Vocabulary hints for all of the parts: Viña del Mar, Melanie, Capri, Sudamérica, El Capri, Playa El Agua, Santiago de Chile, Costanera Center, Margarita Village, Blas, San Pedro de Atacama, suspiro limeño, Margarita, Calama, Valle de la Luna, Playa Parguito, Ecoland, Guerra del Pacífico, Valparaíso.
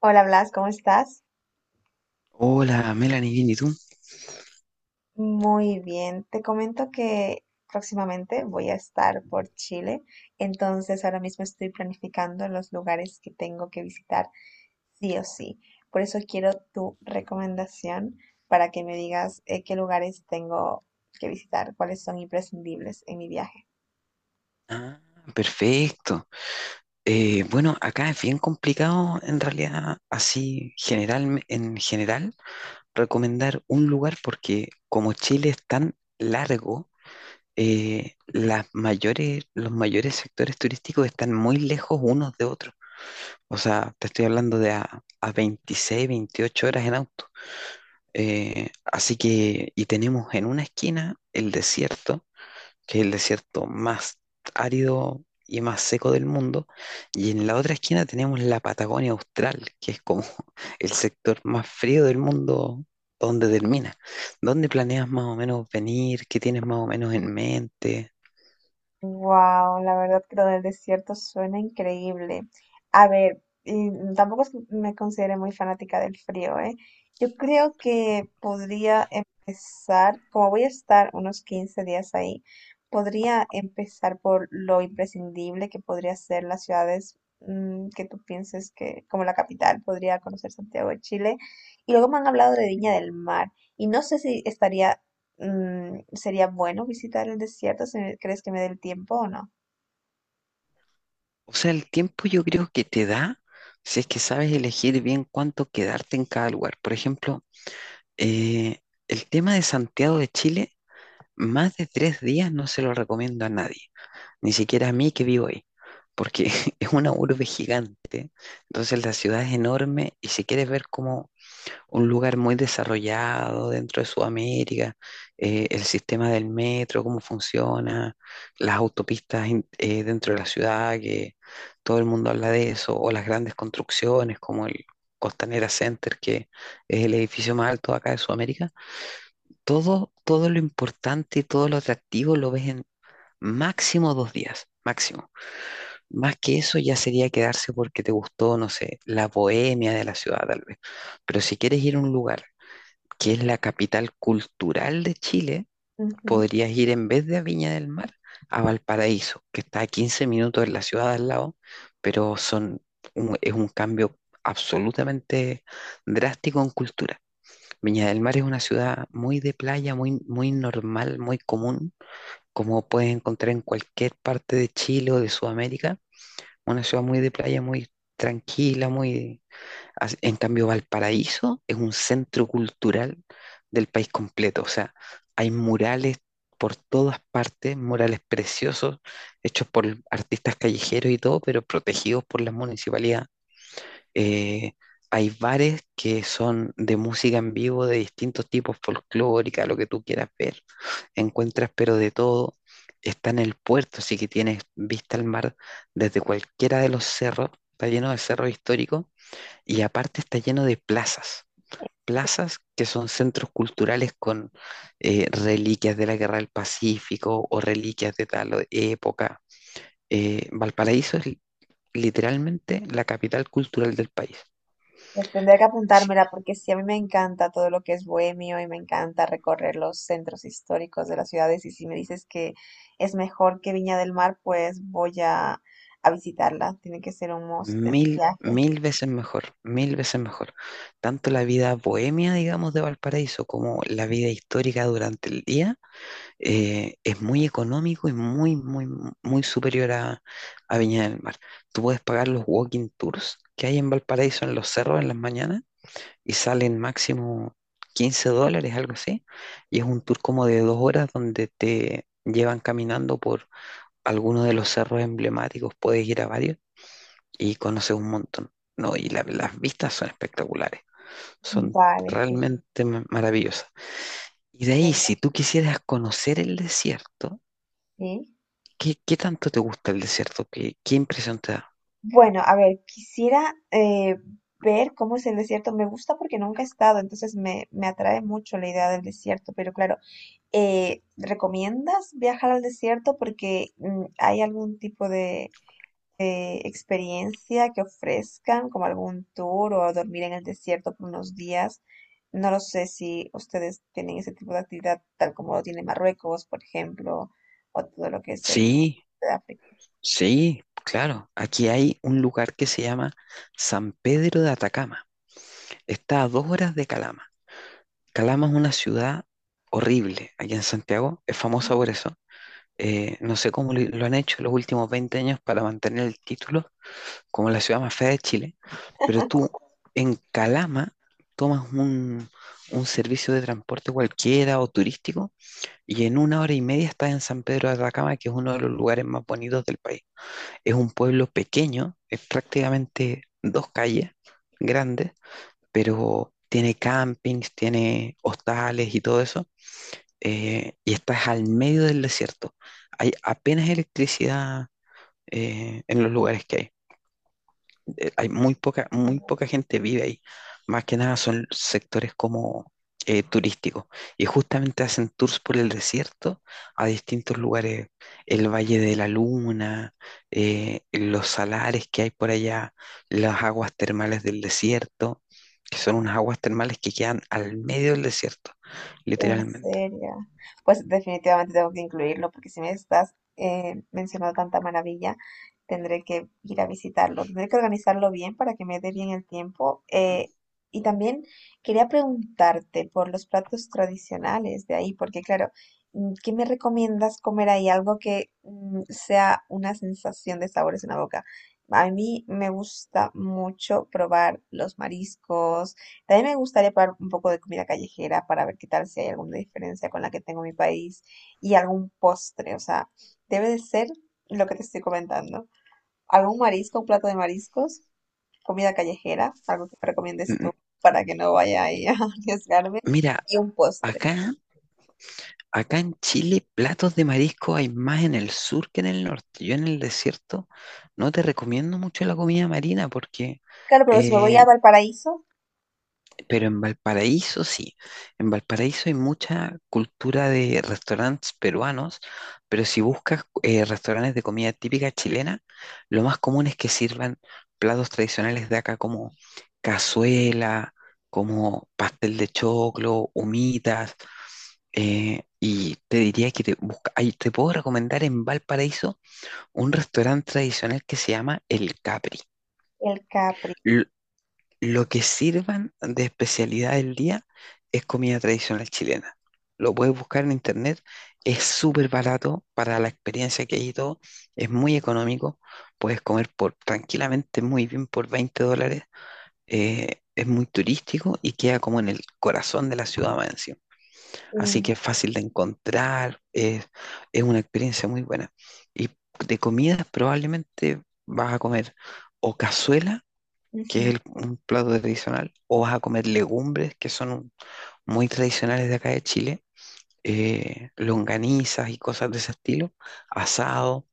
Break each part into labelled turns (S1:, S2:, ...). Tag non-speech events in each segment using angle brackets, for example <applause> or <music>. S1: Hola Blas, ¿cómo estás?
S2: Hola, Melanie, bien, ¿y tú?
S1: Muy bien. Te comento que próximamente voy a estar por Chile, entonces ahora mismo estoy planificando los lugares que tengo que visitar sí o sí. Por eso quiero tu recomendación para que me digas qué lugares tengo que visitar, cuáles son imprescindibles en mi viaje.
S2: Ah, perfecto. Bueno, acá es bien complicado en realidad, así general, en general, recomendar un lugar porque como Chile es tan largo, los mayores sectores turísticos están muy lejos unos de otros. O sea, te estoy hablando de a 26, 28 horas en auto. Así que, y tenemos en una esquina el desierto que es el desierto más árido y más seco del mundo, y en la otra esquina tenemos la Patagonia Austral, que es como <laughs> el sector más frío del mundo donde termina. ¿Dónde planeas más o menos venir? ¿Qué tienes más o menos en mente?
S1: Wow, la verdad que lo del desierto suena increíble. A ver, y tampoco es que me considere muy fanática del frío, ¿eh? Yo creo que podría empezar, como voy a estar unos 15 días ahí, podría empezar por lo imprescindible que podría ser las ciudades que tú pienses que, como la capital, podría conocer Santiago de Chile. Y luego me han hablado de Viña del Mar. Y no sé si estaría sería bueno visitar el desierto si crees que me dé el tiempo o no.
S2: O sea, el tiempo yo creo que te da si es que sabes elegir bien cuánto quedarte en cada lugar. Por ejemplo, eh, el tema de Santiago de Chile, más de 3 días no se lo recomiendo a nadie. Ni siquiera a mí que vivo ahí, porque <laughs> es una urbe gigante, entonces la ciudad es enorme y si quieres ver como un lugar muy desarrollado dentro de Sudamérica, el sistema del metro, cómo funciona, las autopistas dentro de la ciudad, que todo el mundo habla de eso, o las grandes construcciones como Costanera Center, que es el edificio más alto acá de Sudamérica, todo, todo lo importante y todo lo atractivo lo ves en máximo 2 días, máximo. Más que eso ya sería quedarse porque te gustó, no sé, la bohemia de la ciudad tal vez. Pero si quieres ir a un lugar que es la capital cultural de Chile,
S1: Ujú.
S2: podrías ir en vez de a Viña del Mar a Valparaíso, que está a 15 minutos de la ciudad al lado, pero son es un cambio absolutamente drástico en cultura. Viña del Mar es una ciudad muy de playa, muy, muy normal, muy común, como puedes encontrar en cualquier parte de Chile o de Sudamérica, una ciudad muy de playa, muy tranquila, muy... En cambio, Valparaíso es un centro cultural del país completo. O sea, hay murales por todas partes, murales preciosos, hechos por artistas callejeros y todo, pero protegidos por la municipalidad. Eh, Hay bares que son de música en vivo de distintos tipos, folclórica, lo que tú quieras ver. Encuentras pero de todo. Está en el puerto, así que tienes vista al mar desde cualquiera de los cerros. Está lleno de cerros históricos y aparte está lleno de plazas. Plazas que son centros culturales con reliquias de la Guerra del Pacífico o reliquias de tal época. Valparaíso es literalmente la capital cultural del país.
S1: Pues tendría que apuntármela porque sí, a mí me encanta todo lo que es bohemio y me encanta recorrer los centros históricos de las ciudades y si me dices que es mejor que Viña del Mar, pues a visitarla. Tiene que ser un must en el
S2: Mil,
S1: viaje.
S2: mil veces mejor, mil veces mejor. Tanto la vida bohemia, digamos, de Valparaíso como la vida histórica durante el día es muy económico y muy, muy, muy superior a Viña del Mar. Tú puedes pagar los walking tours que hay en Valparaíso en los cerros en las mañanas y salen máximo $15, algo así. Y es un tour como de 2 horas donde te llevan caminando por algunos de los cerros emblemáticos. Puedes ir a varios y conoces un montón. No, y las vistas son espectaculares, son
S1: Vale, genial.
S2: realmente maravillosas. Y de ahí,
S1: Venga,
S2: si tú quisieras conocer el desierto,
S1: sí.
S2: ¿qué, qué tanto te gusta el desierto? ¿Qué, qué impresión te da?
S1: Bueno, a ver, quisiera ver cómo es el desierto. Me gusta porque nunca he estado, entonces me atrae mucho la idea del desierto, pero claro. ¿Recomiendas viajar al desierto? Porque hay algún tipo de experiencia que ofrezcan, como algún tour o dormir en el desierto por unos días. No lo sé si ustedes tienen ese tipo de actividad, tal como lo tiene Marruecos, por ejemplo, o todo lo que es el norte
S2: Sí,
S1: de África.
S2: sí, claro. Aquí hay un lugar que se llama San Pedro de Atacama. Está a 2 horas de Calama. Calama es una ciudad horrible aquí en Santiago, es famosa por eso. No sé cómo lo han hecho los últimos 20 años para mantener el título como la ciudad más fea de Chile, pero tú en Calama tomas un servicio de transporte cualquiera o turístico y en 1 hora y media estás en San Pedro de Atacama, que es uno de los lugares más bonitos del país. Es un pueblo pequeño, es prácticamente 2 calles grandes, pero tiene campings, tiene hostales y todo eso, y estás al medio del desierto. Hay apenas electricidad en los lugares que hay hay muy poca gente vive ahí. Más que nada son sectores como turísticos. Y justamente hacen tours por el desierto a distintos lugares. El Valle de la Luna, los salares que hay por allá, las aguas termales del desierto, que son unas aguas termales que quedan al medio del desierto,
S1: En
S2: literalmente.
S1: serio. Pues definitivamente tengo que incluirlo porque si me estás mencionando tanta maravilla, tendré que ir a visitarlo. Tendré que organizarlo bien para que me dé bien el tiempo. Y también quería preguntarte por los platos tradicionales de ahí, porque claro, ¿qué me recomiendas comer ahí? Algo que sea una sensación de sabores en la boca. A mí me gusta mucho probar los mariscos, también me gustaría probar un poco de comida callejera para ver qué tal si hay alguna diferencia con la que tengo en mi país y algún postre. O sea, debe de ser lo que te estoy comentando. Algún marisco, un plato de mariscos, comida callejera, algo que me recomiendes tú
S2: M-
S1: para que no vaya ahí a <laughs> arriesgarme
S2: Mira,
S1: y un postre.
S2: acá Acá en Chile, platos de marisco hay más en el sur que en el norte. Yo en el desierto no te recomiendo mucho la comida marina porque
S1: Claro, pero si me voy
S2: eh,
S1: a Valparaíso,
S2: pero en Valparaíso sí, en Valparaíso hay mucha cultura de restaurantes peruanos, pero si buscas restaurantes de comida típica chilena, lo más común es que sirvan platos tradicionales de acá como cazuela, como pastel de choclo, humitas, y te diría que te puedo recomendar en Valparaíso un restaurante tradicional que se llama El Capri.
S1: el Capri.
S2: Lo que sirvan de especialidad del día es comida tradicional chilena. Lo puedes buscar en internet, es súper barato para la experiencia que hay y todo, es muy económico, puedes comer tranquilamente muy bien por $20. Es muy turístico y queda como en el corazón de la ciudad más encima. Así
S1: un-
S2: que es fácil de encontrar, es una experiencia muy buena. Y de comidas probablemente vas a comer o cazuela, que es
S1: ujú.
S2: un plato tradicional, o vas a comer legumbres, que son muy tradicionales de acá de Chile, longanizas y cosas de ese estilo, asado,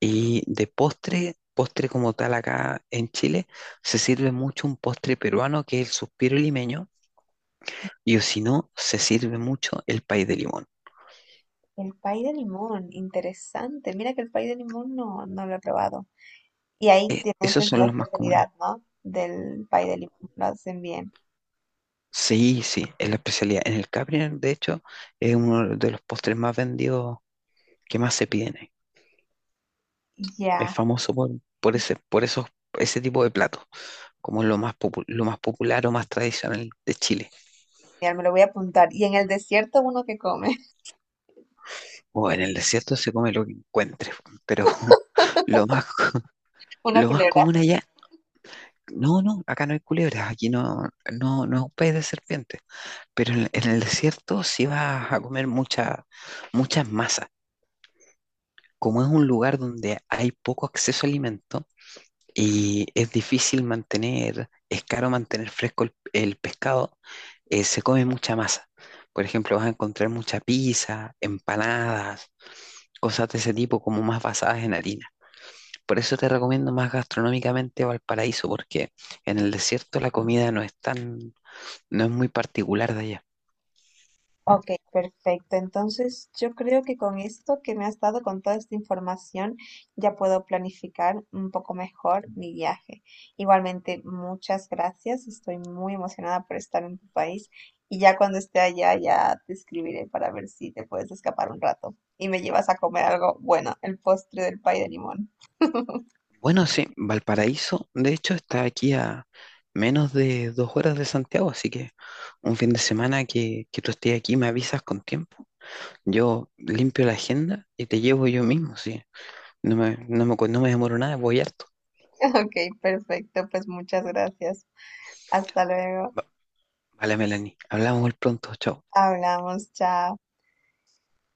S2: y de postre, postre como tal acá en Chile, se sirve mucho un postre peruano que es el suspiro limeño, y o si no, se sirve mucho el pay de limón.
S1: El pay de limón, interesante. Mira que el pay de limón no lo he probado. Y ahí tienes
S2: Esos
S1: es la
S2: son los más comunes.
S1: especialidad, ¿no? Del pay de limón, lo hacen bien.
S2: Sí, sí, es la especialidad. En el Capri, de hecho, es uno de los postres más vendidos, que más se piden. Es
S1: Ya,
S2: famoso por ese, por esos, ese tipo de platos, como lo más lo más popular o más tradicional de Chile.
S1: genial, me lo voy a apuntar. Y en el desierto uno que come, <laughs>
S2: O en el desierto se come lo que encuentres, pero <laughs> lo más,
S1: una
S2: lo más
S1: culebra.
S2: común allá. No, no, acá no hay culebras, aquí no, no, no es un país de serpientes. Pero en el desierto sí vas a comer mucha, muchas masas. Como es un lugar donde hay poco acceso a alimentos, y es difícil mantener, es caro mantener fresco el pescado, se come mucha masa. Por ejemplo, vas a encontrar mucha pizza, empanadas, cosas de ese tipo como más basadas en harina. Por eso te recomiendo más gastronómicamente Valparaíso, porque en el desierto la comida no es tan, no es muy particular de allá.
S1: Ok, perfecto. Entonces, yo creo que con esto que me has dado, con toda esta información, ya puedo planificar un poco mejor mi viaje. Igualmente, muchas gracias. Estoy muy emocionada por estar en tu país y ya cuando esté allá, ya te escribiré para ver si te puedes escapar un rato y me llevas a comer algo bueno, el postre del pay de limón. <laughs>
S2: Bueno, sí, Valparaíso, de hecho, está aquí a menos de 2 horas de Santiago, así que un fin de semana que tú estés aquí me avisas con tiempo. Yo limpio la agenda y te llevo yo mismo, sí. No me, no me, no me demoro nada, voy harto.
S1: Ok, perfecto. Pues muchas gracias. Hasta luego.
S2: Va- Vale, Melanie, hablamos muy pronto, chao.
S1: Hablamos. Chao.